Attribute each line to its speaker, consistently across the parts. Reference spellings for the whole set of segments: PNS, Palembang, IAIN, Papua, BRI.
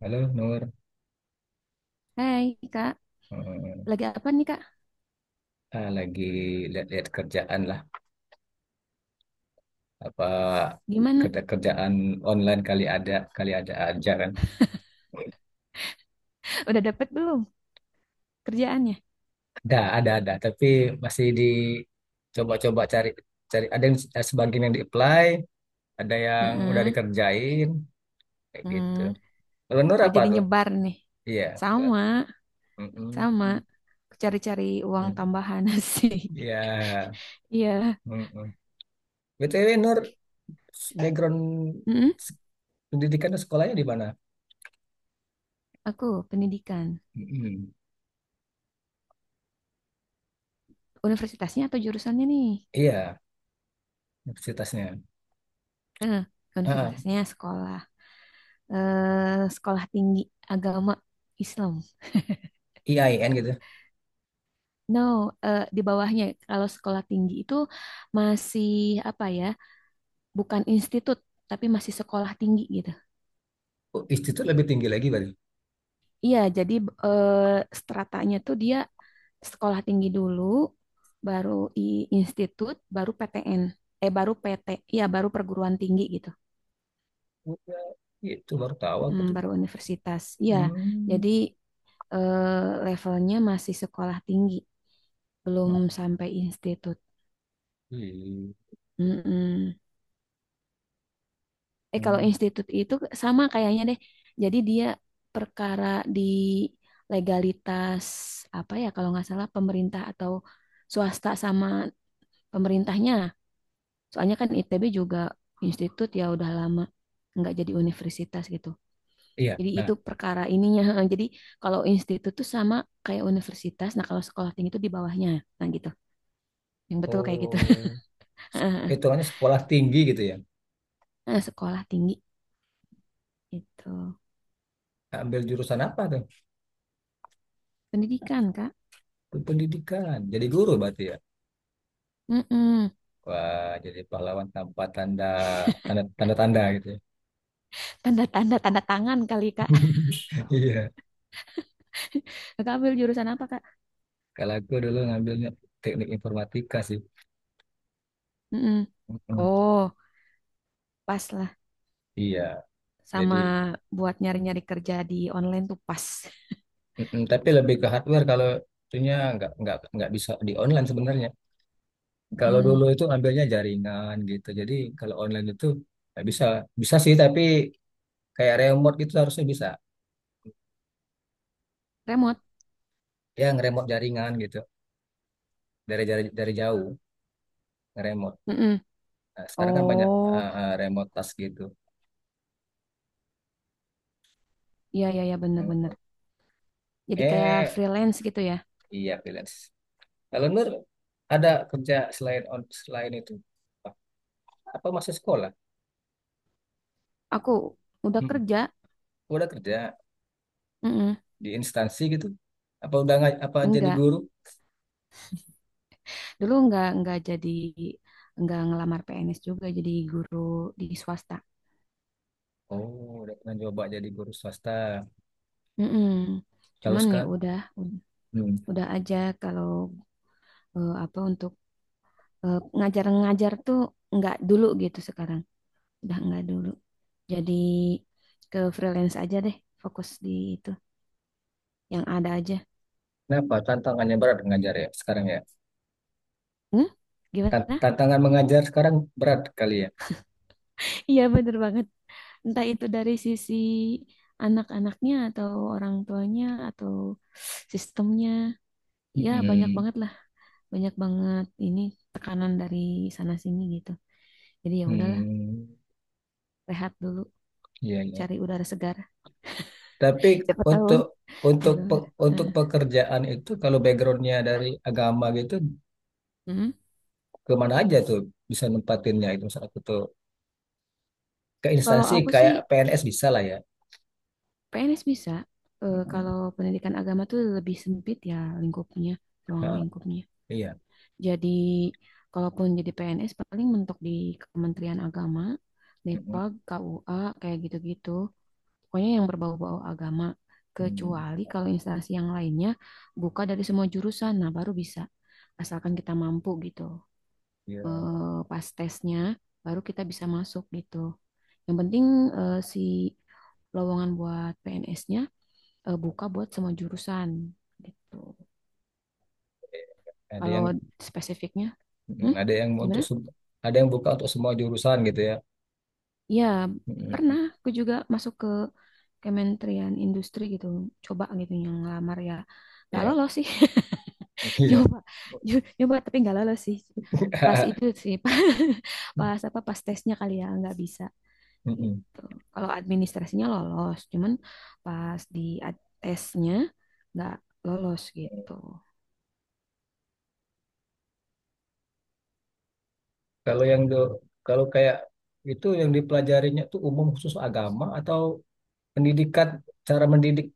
Speaker 1: Halo Nur.
Speaker 2: Hai Kak,
Speaker 1: Eh,
Speaker 2: lagi apa nih Kak?
Speaker 1: lagi lihat-lihat kerjaan lah. Apa
Speaker 2: Gimana?
Speaker 1: kerja-kerjaan online kali ada aja kan?
Speaker 2: Udah dapet belum kerjaannya?
Speaker 1: Ada, ada. Tapi masih dicoba-coba cari, Ada yang sebagian yang di-apply, ada yang udah
Speaker 2: Heeh.
Speaker 1: dikerjain, kayak
Speaker 2: Hmm.
Speaker 1: gitu. Kalau Nur
Speaker 2: Oh
Speaker 1: apa
Speaker 2: jadi
Speaker 1: tuh?
Speaker 2: nyebar nih.
Speaker 1: Iya.
Speaker 2: Sama, sama.
Speaker 1: Mm-mm.
Speaker 2: Cari-cari uang
Speaker 1: Mm.
Speaker 2: tambahan sih.
Speaker 1: Iya.
Speaker 2: Iya.
Speaker 1: Mm-mm. BTW Nur, background
Speaker 2: Mm-mm.
Speaker 1: s- pendidikan dan sekolahnya di mana?
Speaker 2: Aku pendidikan.
Speaker 1: Mm-mm.
Speaker 2: Universitasnya atau jurusannya nih?
Speaker 1: Iya, universitasnya.
Speaker 2: Heeh.
Speaker 1: Ah,
Speaker 2: Universitasnya sekolah. Eh, sekolah tinggi agama Islam.
Speaker 1: IAIN gitu.
Speaker 2: No, eh, di bawahnya. Kalau sekolah tinggi itu masih apa ya? Bukan institut tapi masih sekolah tinggi gitu.
Speaker 1: Oh, institut lebih tinggi lagi berarti.
Speaker 2: Iya, jadi eh, stratanya tuh dia sekolah tinggi dulu, baru i institut, baru PTN. Eh baru PT, iya baru perguruan tinggi gitu.
Speaker 1: Udah, itu baru tahu aku
Speaker 2: Hmm,
Speaker 1: tuh.
Speaker 2: baru universitas. Iya,
Speaker 1: Hmm.
Speaker 2: jadi eh, levelnya masih sekolah tinggi, belum
Speaker 1: Nah,
Speaker 2: sampai institut.
Speaker 1: iya.
Speaker 2: Mm-mm. Eh kalau
Speaker 1: Hmm.
Speaker 2: institut itu sama kayaknya deh. Jadi dia perkara di legalitas apa ya, kalau nggak salah pemerintah atau swasta sama pemerintahnya. Soalnya kan ITB juga institut ya udah lama nggak jadi universitas gitu.
Speaker 1: Iya.
Speaker 2: Jadi itu
Speaker 1: Nah,
Speaker 2: perkara ininya. Jadi kalau institut tuh sama kayak universitas. Nah kalau sekolah tinggi itu di bawahnya. Nah gitu. Yang betul kayak gitu.
Speaker 1: oh, hitungannya sekolah tinggi gitu ya.
Speaker 2: Nah, sekolah tinggi itu
Speaker 1: Ambil jurusan apa tuh?
Speaker 2: pendidikan Kak.
Speaker 1: Pendidikan. Jadi guru berarti ya.
Speaker 2: Mm-mm.
Speaker 1: Wah, jadi pahlawan tanpa tanda tanda tanda tanda gitu ya.
Speaker 2: Tanda tanda tanda tangan kali Kak.
Speaker 1: Iya.
Speaker 2: Kakak ambil jurusan apa Kak?
Speaker 1: Kalau aku dulu ngambilnya teknik informatika sih.
Speaker 2: Mm-mm.
Speaker 1: Mm-mm.
Speaker 2: Oh, pas lah.
Speaker 1: Iya. Jadi.
Speaker 2: Sama buat nyari-nyari kerja di online tuh pas.
Speaker 1: Mm-mm. Tapi lebih ke hardware kalau itunya nggak bisa di online sebenarnya. Kalau dulu
Speaker 2: Mm-mm.
Speaker 1: itu ambilnya jaringan gitu. Jadi kalau online itu nggak bisa, bisa sih tapi kayak remote gitu harusnya bisa.
Speaker 2: Remote.
Speaker 1: Ya ngeremote jaringan gitu dari jauh ngeremote.
Speaker 2: Mm-mm.
Speaker 1: Nah, sekarang kan banyak
Speaker 2: Oh,
Speaker 1: remote task gitu.
Speaker 2: iya iya ya
Speaker 1: Mm.
Speaker 2: bener-bener. Jadi kayak
Speaker 1: Eh
Speaker 2: freelance gitu ya.
Speaker 1: iya, freelance. Kalau Nur ada kerja selain itu apa apa masih sekolah?
Speaker 2: Aku udah
Speaker 1: Mm.
Speaker 2: kerja.
Speaker 1: Udah kerja
Speaker 2: Mm-mm.
Speaker 1: di instansi gitu? Apa udah nggak- apa jadi
Speaker 2: Enggak.
Speaker 1: guru?
Speaker 2: Dulu enggak jadi enggak ngelamar PNS juga jadi guru di swasta.
Speaker 1: Oh, udah pernah coba jadi guru swasta.
Speaker 2: Mm-mm.
Speaker 1: Lalu
Speaker 2: Cuman ya
Speaker 1: sekarang,
Speaker 2: udah ud-
Speaker 1: hmm,
Speaker 2: udah aja kalau eh, apa untuk eh, ngajar-ngajar tuh nggak dulu gitu, sekarang udah nggak dulu, jadi ke freelance aja deh, fokus di itu yang ada aja.
Speaker 1: kenapa tantangannya berat mengajar ya sekarang ya?
Speaker 2: Hmm? Gimana?
Speaker 1: Tantangan mengajar sekarang berat kali ya.
Speaker 2: Iya bener banget, entah itu dari sisi anak-anaknya atau orang tuanya atau sistemnya, ya banyak
Speaker 1: Hmm,
Speaker 2: banget lah, banyak banget ini tekanan dari sana sini gitu. Jadi ya udahlah,
Speaker 1: hmm,
Speaker 2: rehat dulu,
Speaker 1: iya, iya.
Speaker 2: cari udara segar,
Speaker 1: Tapi
Speaker 2: siapa tahu
Speaker 1: untuk
Speaker 2: di
Speaker 1: untuk
Speaker 2: luar.
Speaker 1: pe- untuk
Speaker 2: Heeh.
Speaker 1: pekerjaan itu kalau backgroundnya dari agama gitu,
Speaker 2: Hmm.
Speaker 1: kemana aja tuh bisa nempatinnya itu, misalnya aku tuh ke
Speaker 2: Kalau
Speaker 1: instansi
Speaker 2: aku sih
Speaker 1: kayak PNS bisa lah ya.
Speaker 2: PNS bisa. Eh,
Speaker 1: Hmm,
Speaker 2: kalau pendidikan agama tuh lebih sempit ya lingkupnya, ruang
Speaker 1: ha,
Speaker 2: lingkupnya.
Speaker 1: iya.
Speaker 2: Jadi, kalaupun jadi PNS paling mentok di Kementerian Agama,
Speaker 1: Hmm,
Speaker 2: Depag, KUA, kayak gitu-gitu. Pokoknya yang berbau-bau agama.
Speaker 1: hmm,
Speaker 2: Kecuali kalau instansi yang lainnya buka dari semua jurusan, nah baru bisa. Asalkan kita mampu gitu.
Speaker 1: iya.
Speaker 2: Eh, pas tesnya, baru kita bisa masuk gitu. Yang penting eh, si lowongan buat PNS-nya eh, buka buat semua jurusan gitu.
Speaker 1: Ada
Speaker 2: Kalau
Speaker 1: yang
Speaker 2: spesifiknya,
Speaker 1: Mm,
Speaker 2: hmm?
Speaker 1: Ada yang
Speaker 2: Gimana?
Speaker 1: untuk sem- ada yang buka untuk semua jurusan gitu ya.
Speaker 2: Ya,
Speaker 1: Mm.
Speaker 2: pernah aku juga masuk ke Kementerian Industri gitu, coba gitu yang ngelamar ya. Gak
Speaker 1: Ya,
Speaker 2: lolos sih.
Speaker 1: iya.
Speaker 2: Nyoba, nyoba tapi gak lolos sih. Pas itu sih, pas pas apa pas tesnya kali ya nggak bisa
Speaker 1: Mm-mm.
Speaker 2: gitu. Kalau administrasinya lolos, cuman pas di tesnya nggak lolos gitu.
Speaker 1: Kalau yang do- Kalau kayak itu yang dipelajarinya tuh umum khusus agama atau pendidikan, cara mendidik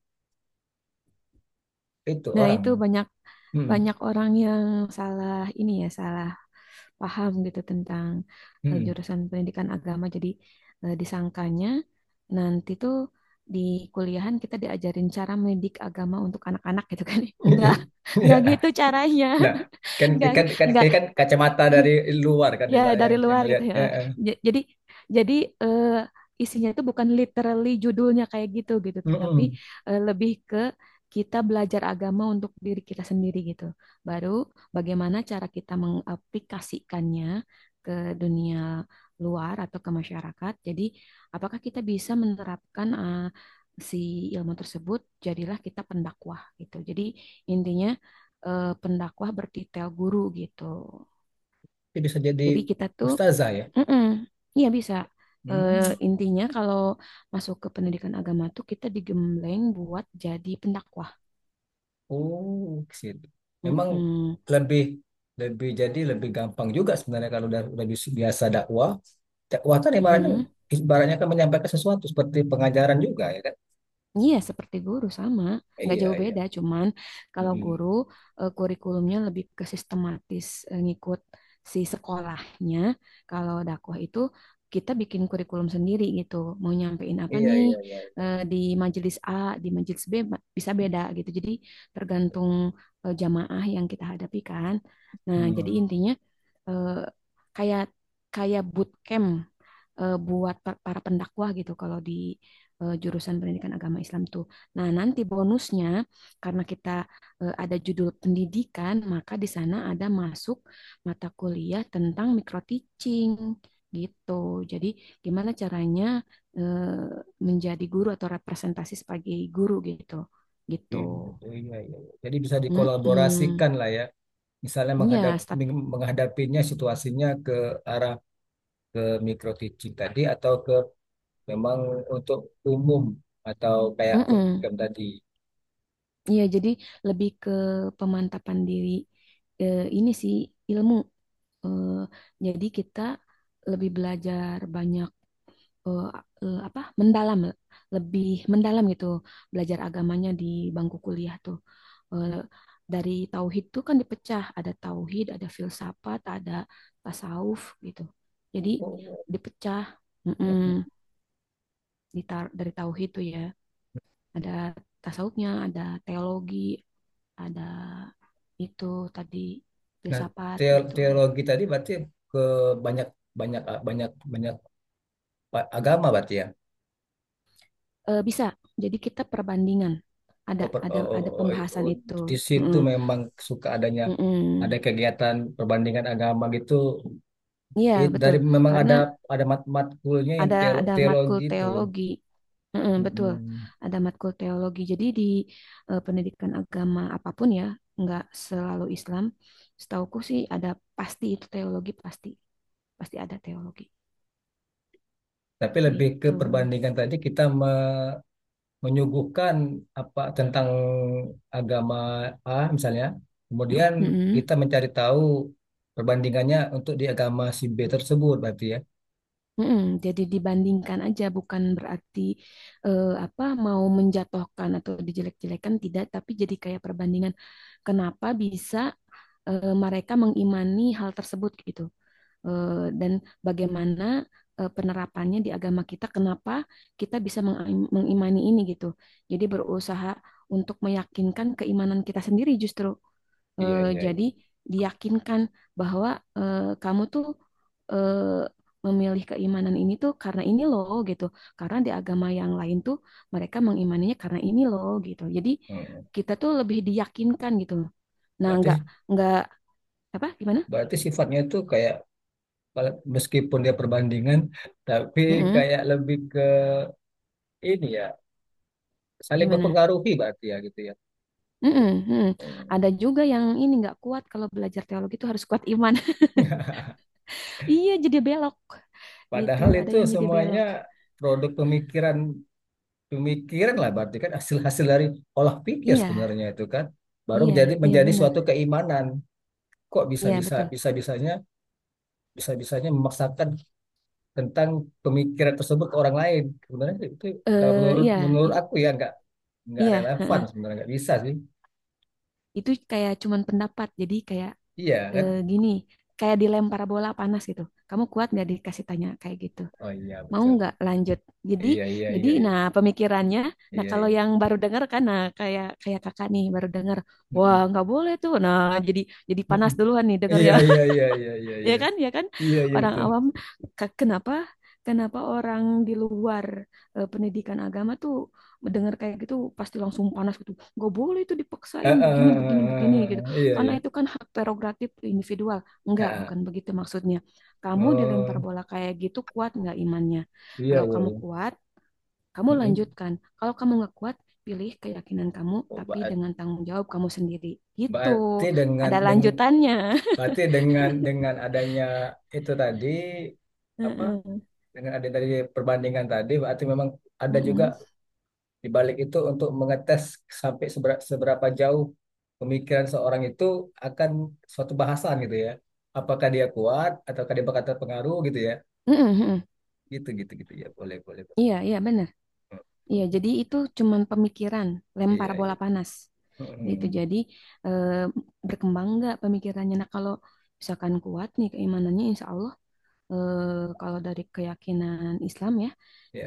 Speaker 1: itu
Speaker 2: Nah, itu
Speaker 1: orang.
Speaker 2: banyak
Speaker 1: Hmm.
Speaker 2: banyak orang yang salah ini ya, salah paham gitu tentang eh,
Speaker 1: Hmm.
Speaker 2: jurusan pendidikan agama. Jadi eh, disangkanya nanti tuh di kuliahan kita diajarin cara mendidik agama untuk anak-anak gitu kan. Enggak, enggak gitu
Speaker 1: Ya.
Speaker 2: caranya.
Speaker 1: Nah, kan
Speaker 2: Enggak
Speaker 1: kan kan
Speaker 2: enggak.
Speaker 1: kan kan kacamata dari luar kan
Speaker 2: Ya,
Speaker 1: ibaratnya
Speaker 2: dari
Speaker 1: yang
Speaker 2: luar gitu
Speaker 1: ngelihat.
Speaker 2: ya.
Speaker 1: Ya, eh.
Speaker 2: J- Jadi jadi eh, isinya itu bukan literally judulnya kayak gitu gitu, tapi
Speaker 1: Mm-mm.
Speaker 2: eh, lebih ke kita belajar agama untuk diri kita sendiri gitu. Baru bagaimana cara kita mengaplikasikannya ke dunia luar atau ke masyarakat. Jadi, apakah kita bisa menerapkan eh, si ilmu tersebut? Jadilah kita pendakwah gitu. Jadi, intinya eh, pendakwah bertitel guru gitu.
Speaker 1: Jadi bisa jadi
Speaker 2: Jadi kita tuh.
Speaker 1: ustazah ya.
Speaker 2: Mm-mm. Iya bisa. Eh,
Speaker 1: Hmm.
Speaker 2: intinya kalau masuk ke pendidikan agama tuh kita digembleng buat jadi pendakwah.
Speaker 1: Oh, ke situ. Emang
Speaker 2: Mm-mm.
Speaker 1: lebih lebih jadi lebih gampang juga sebenarnya kalau biasa dakwah. Dakwah kan ibaratnya
Speaker 2: Mm-mm.
Speaker 1: ibaratnya kan menyampaikan sesuatu seperti pengajaran juga ya kan?
Speaker 2: Iya, seperti guru sama, nggak
Speaker 1: Iya,
Speaker 2: jauh
Speaker 1: iya.
Speaker 2: beda. Cuman kalau
Speaker 1: Mm-mm.
Speaker 2: guru eh, kurikulumnya lebih ke sistematis eh, ngikut si sekolahnya. Kalau dakwah itu kita bikin kurikulum sendiri gitu. Mau nyampein apa
Speaker 1: Iya,
Speaker 2: nih
Speaker 1: iya, iya.
Speaker 2: eh, di majelis A, di majelis B bisa beda gitu. Jadi tergantung eh, jamaah yang kita hadapi kan. Nah, jadi
Speaker 1: Hmm.
Speaker 2: intinya eh, kayak kayak bootcamp eh, buat para pendakwah gitu kalau di eh, jurusan pendidikan agama Islam tuh. Nah, nanti bonusnya karena kita eh, ada judul pendidikan, maka di sana ada masuk mata kuliah tentang micro teaching gitu. Jadi, gimana caranya eh, menjadi guru atau representasi sebagai guru gitu. Gitu.
Speaker 1: I- Iya, iya. Iya. Jadi bisa
Speaker 2: Mm-mm.
Speaker 1: dikolaborasikan lah ya. Misalnya
Speaker 2: Iya,
Speaker 1: menghadapinya, situasinya ke arah ke micro teaching tadi atau ke memang untuk umum atau kayak
Speaker 2: staf.
Speaker 1: program tadi.
Speaker 2: Iya, jadi lebih ke pemantapan diri eh, ini sih ilmu. Eh, jadi kita lebih belajar banyak eh, eh, apa mendalam, lebih mendalam gitu, belajar agamanya di bangku kuliah tuh. Eh, dari tauhid tuh kan dipecah, ada tauhid, ada filsafat, ada tasawuf gitu. Jadi
Speaker 1: Oh.
Speaker 2: dipecah mm-mm, di dari tauhid tuh ya, ada tasawufnya, ada teologi, ada itu tadi
Speaker 1: Nah,
Speaker 2: filsafat gitu.
Speaker 1: teologi tadi berarti ke banyak banyak banyak banyak agama berarti ya.
Speaker 2: Eh, bisa. Jadi kita perbandingan.
Speaker 1: Oh, oh,
Speaker 2: Ada
Speaker 1: oh, oh,
Speaker 2: pembahasan
Speaker 1: oh,
Speaker 2: itu.
Speaker 1: di situ
Speaker 2: Mm-mm.
Speaker 1: memang suka adanya ada
Speaker 2: Mm-mm.
Speaker 1: kegiatan perbandingan agama gitu.
Speaker 2: Iya, betul.
Speaker 1: Dari memang
Speaker 2: Karena
Speaker 1: ada matkulnya yang
Speaker 2: ada matkul
Speaker 1: teologi itu.
Speaker 2: teologi. Mm-mm, betul.
Speaker 1: Mm-mm.
Speaker 2: Ada matkul teologi. Jadi di eh, pendidikan agama apapun ya, nggak selalu Islam. Setauku sih ada pasti itu teologi, pasti pasti ada teologi
Speaker 1: Tapi lebih ke
Speaker 2: gitu.
Speaker 1: perbandingan tadi, kita menyuguhkan apa tentang agama A misalnya, kemudian
Speaker 2: Mm-mm.
Speaker 1: kita mencari tahu perbandingannya untuk di agama si B tersebut berarti ya.
Speaker 2: Mm-mm, jadi dibandingkan aja, bukan berarti eh, apa mau menjatuhkan atau dijelek-jelekan, tidak, tapi jadi kayak perbandingan kenapa bisa eh, mereka mengimani hal tersebut gitu. Eh, dan bagaimana eh, penerapannya di agama kita, kenapa kita bisa mengimani ini gitu. Jadi berusaha untuk meyakinkan keimanan kita sendiri justru.
Speaker 1: Iya,
Speaker 2: Eh,
Speaker 1: iya,
Speaker 2: jadi
Speaker 1: iya.
Speaker 2: diyakinkan bahwa eh, kamu tuh eh, memilih keimanan ini tuh karena ini loh gitu. Karena di agama yang lain tuh mereka mengimaninya karena ini loh gitu. Jadi
Speaker 1: Mm.
Speaker 2: kita tuh lebih diyakinkan gitu. Nah,
Speaker 1: Berarti
Speaker 2: nggak apa gimana?
Speaker 1: berarti sifatnya itu kayak meskipun dia perbandingan tapi
Speaker 2: Mm-mm,
Speaker 1: kayak lebih ke ini ya, saling
Speaker 2: gimana?
Speaker 1: mempengaruhi berarti ya gitu ya.
Speaker 2: Mm-mm,
Speaker 1: Bu-
Speaker 2: mm-mm. Ada juga yang ini nggak kuat kalau belajar teologi itu harus kuat iman. Iya, jadi belok gitu.
Speaker 1: Padahal
Speaker 2: Ada
Speaker 1: itu
Speaker 2: yang jadi belok.
Speaker 1: semuanya produk pemikiran, lah berarti, kan hasil-hasil dari olah pikir
Speaker 2: Iya,
Speaker 1: sebenarnya itu, kan baru
Speaker 2: iya,
Speaker 1: menjadi
Speaker 2: iya
Speaker 1: menjadi
Speaker 2: benar.
Speaker 1: suatu keimanan, kok bisa
Speaker 2: Iya
Speaker 1: bisa
Speaker 2: betul.
Speaker 1: bisa bisanya memaksakan tentang pemikiran tersebut ke orang lain. Sebenarnya itu kalau
Speaker 2: Eh,
Speaker 1: menurut
Speaker 2: iya,
Speaker 1: menurut
Speaker 2: i-
Speaker 1: aku ya nggak
Speaker 2: Iya,
Speaker 1: relevan,
Speaker 2: heeh.
Speaker 1: sebenarnya nggak bisa sih.
Speaker 2: Itu kayak cuman pendapat. Jadi kayak
Speaker 1: Iya kan.
Speaker 2: eh, gini, kayak dilempar bola panas gitu. Kamu kuat nggak dikasih tanya kayak gitu?
Speaker 1: Oh, iya,
Speaker 2: Mau
Speaker 1: betul.
Speaker 2: nggak lanjut? Jadi,
Speaker 1: Iya, iya,
Speaker 2: jadi,
Speaker 1: iya, iya,
Speaker 2: nah pemikirannya, nah
Speaker 1: iya,
Speaker 2: kalau
Speaker 1: iya.
Speaker 2: yang baru dengar kan, nah kayak kayak kakak nih baru dengar, wah
Speaker 1: Mm-mm.
Speaker 2: nggak boleh tuh. Nah jadi jadi panas
Speaker 1: Mm-mm.
Speaker 2: duluan nih
Speaker 1: Iya,
Speaker 2: dengarnya.
Speaker 1: iya, iya, iya, iya,
Speaker 2: Ya
Speaker 1: iya,
Speaker 2: kan ya kan
Speaker 1: iya, iya,
Speaker 2: orang
Speaker 1: betul.
Speaker 2: awam, kenapa kenapa orang di luar eh, pendidikan agama tuh mendengar kayak gitu pasti langsung panas gitu, nggak boleh itu
Speaker 1: Ah,
Speaker 2: dipaksain
Speaker 1: ah,
Speaker 2: begini
Speaker 1: ah,
Speaker 2: begini begini gitu,
Speaker 1: ah, ah. Iya,
Speaker 2: karena
Speaker 1: iya.
Speaker 2: itu kan hak prerogatif individual.
Speaker 1: Ah,
Speaker 2: Enggak,
Speaker 1: ah.
Speaker 2: bukan begitu maksudnya. Kamu dilempar
Speaker 1: Oh,
Speaker 2: bola kayak gitu, kuat nggak imannya?
Speaker 1: iya,
Speaker 2: Kalau
Speaker 1: iya,
Speaker 2: kamu
Speaker 1: iya.
Speaker 2: kuat, kamu
Speaker 1: Mm-mm.
Speaker 2: lanjutkan. Kalau kamu nggak kuat, pilih keyakinan kamu
Speaker 1: Oh,
Speaker 2: tapi
Speaker 1: ba-
Speaker 2: dengan tanggung jawab kamu sendiri gitu.
Speaker 1: Berarti dengan
Speaker 2: Ada
Speaker 1: deng,
Speaker 2: lanjutannya.
Speaker 1: berarti dengan adanya itu tadi, apa,
Speaker 2: Heeh.
Speaker 1: dengan adanya tadi perbandingan tadi berarti memang ada juga
Speaker 2: Mm-mm.
Speaker 1: di balik itu untuk mengetes sampai seberapa jauh pemikiran seorang itu akan suatu bahasan gitu ya. Apakah dia kuat ataukah dia bakal terpengaruh gitu ya.
Speaker 2: Mm-mm, mm-mm.
Speaker 1: Gitu, gitu, gitu ya. Boleh, boleh. Boleh.
Speaker 2: Iya, iya benar. Iya,
Speaker 1: Hmm.
Speaker 2: jadi itu cuman pemikiran, lempar
Speaker 1: Iya, iya.
Speaker 2: bola panas gitu.
Speaker 1: Mm.
Speaker 2: Jadi eh, berkembang nggak pemikirannya. Nah, kalau misalkan kuat nih keimanannya, insya Allah eh, kalau dari keyakinan Islam ya,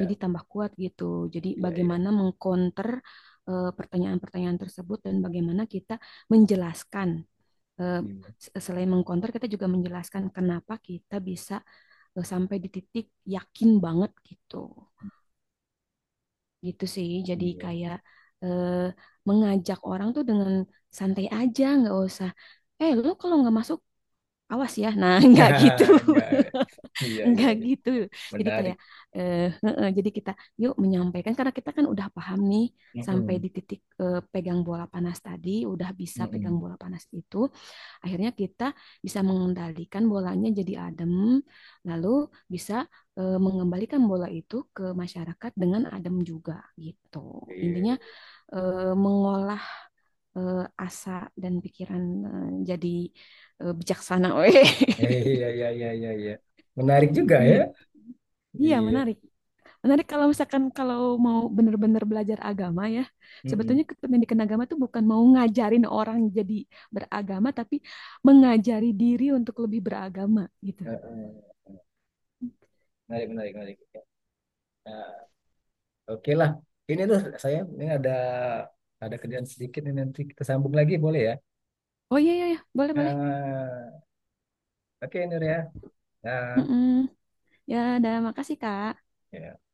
Speaker 2: jadi tambah kuat gitu. Jadi
Speaker 1: iya, iya.
Speaker 2: bagaimana mengcounter eh, pertanyaan-pertanyaan tersebut dan bagaimana kita menjelaskan. Eh,
Speaker 1: Iya.
Speaker 2: selain mengcounter, kita juga menjelaskan kenapa kita bisa eh, sampai di titik yakin banget gitu. Gitu sih jadi
Speaker 1: Iya.
Speaker 2: kayak eh, mengajak orang tuh dengan santai aja, nggak usah eh lu kalau nggak masuk awas ya, nah nggak gitu.
Speaker 1: Enggak. Iya, iya.
Speaker 2: Nggak
Speaker 1: Iya.
Speaker 2: gitu. Jadi
Speaker 1: Menarik.
Speaker 2: kayak eh, heeh, jadi kita yuk menyampaikan karena kita kan udah paham nih, sampai
Speaker 1: Mm-mm,
Speaker 2: di titik eh, pegang bola panas tadi, udah bisa pegang
Speaker 1: mm-mm.
Speaker 2: bola panas itu. Akhirnya kita bisa mengendalikan bolanya jadi adem, lalu bisa eh, mengembalikan bola itu ke masyarakat dengan adem juga gitu. Intinya
Speaker 1: Iya.
Speaker 2: eh, mengolah eh, asa dan pikiran eh, jadi eh, bijaksana, weh.
Speaker 1: Iya, iya, iya, iya, iya. Iya. Menarik juga ya.
Speaker 2: Gitu. Iya,
Speaker 1: Iya.
Speaker 2: menarik. Menarik kalau misalkan kalau mau benar-benar belajar agama ya. Sebetulnya
Speaker 1: Mm-mm.
Speaker 2: pendidikan agama itu bukan mau ngajarin orang jadi beragama, tapi mengajari diri untuk lebih beragama gitu.
Speaker 1: Heeh. Menarik, menarik, menarik. Nah, oke lah. Ini tuh saya ini ada kerjaan sedikit ini, nanti kita sambung lagi boleh ya?
Speaker 2: Oh iya iya, iya. Boleh boleh.
Speaker 1: Ah, oke Nur ya. Nah,
Speaker 2: Mm-mm. Ya, udah makasih Kak.
Speaker 1: ya.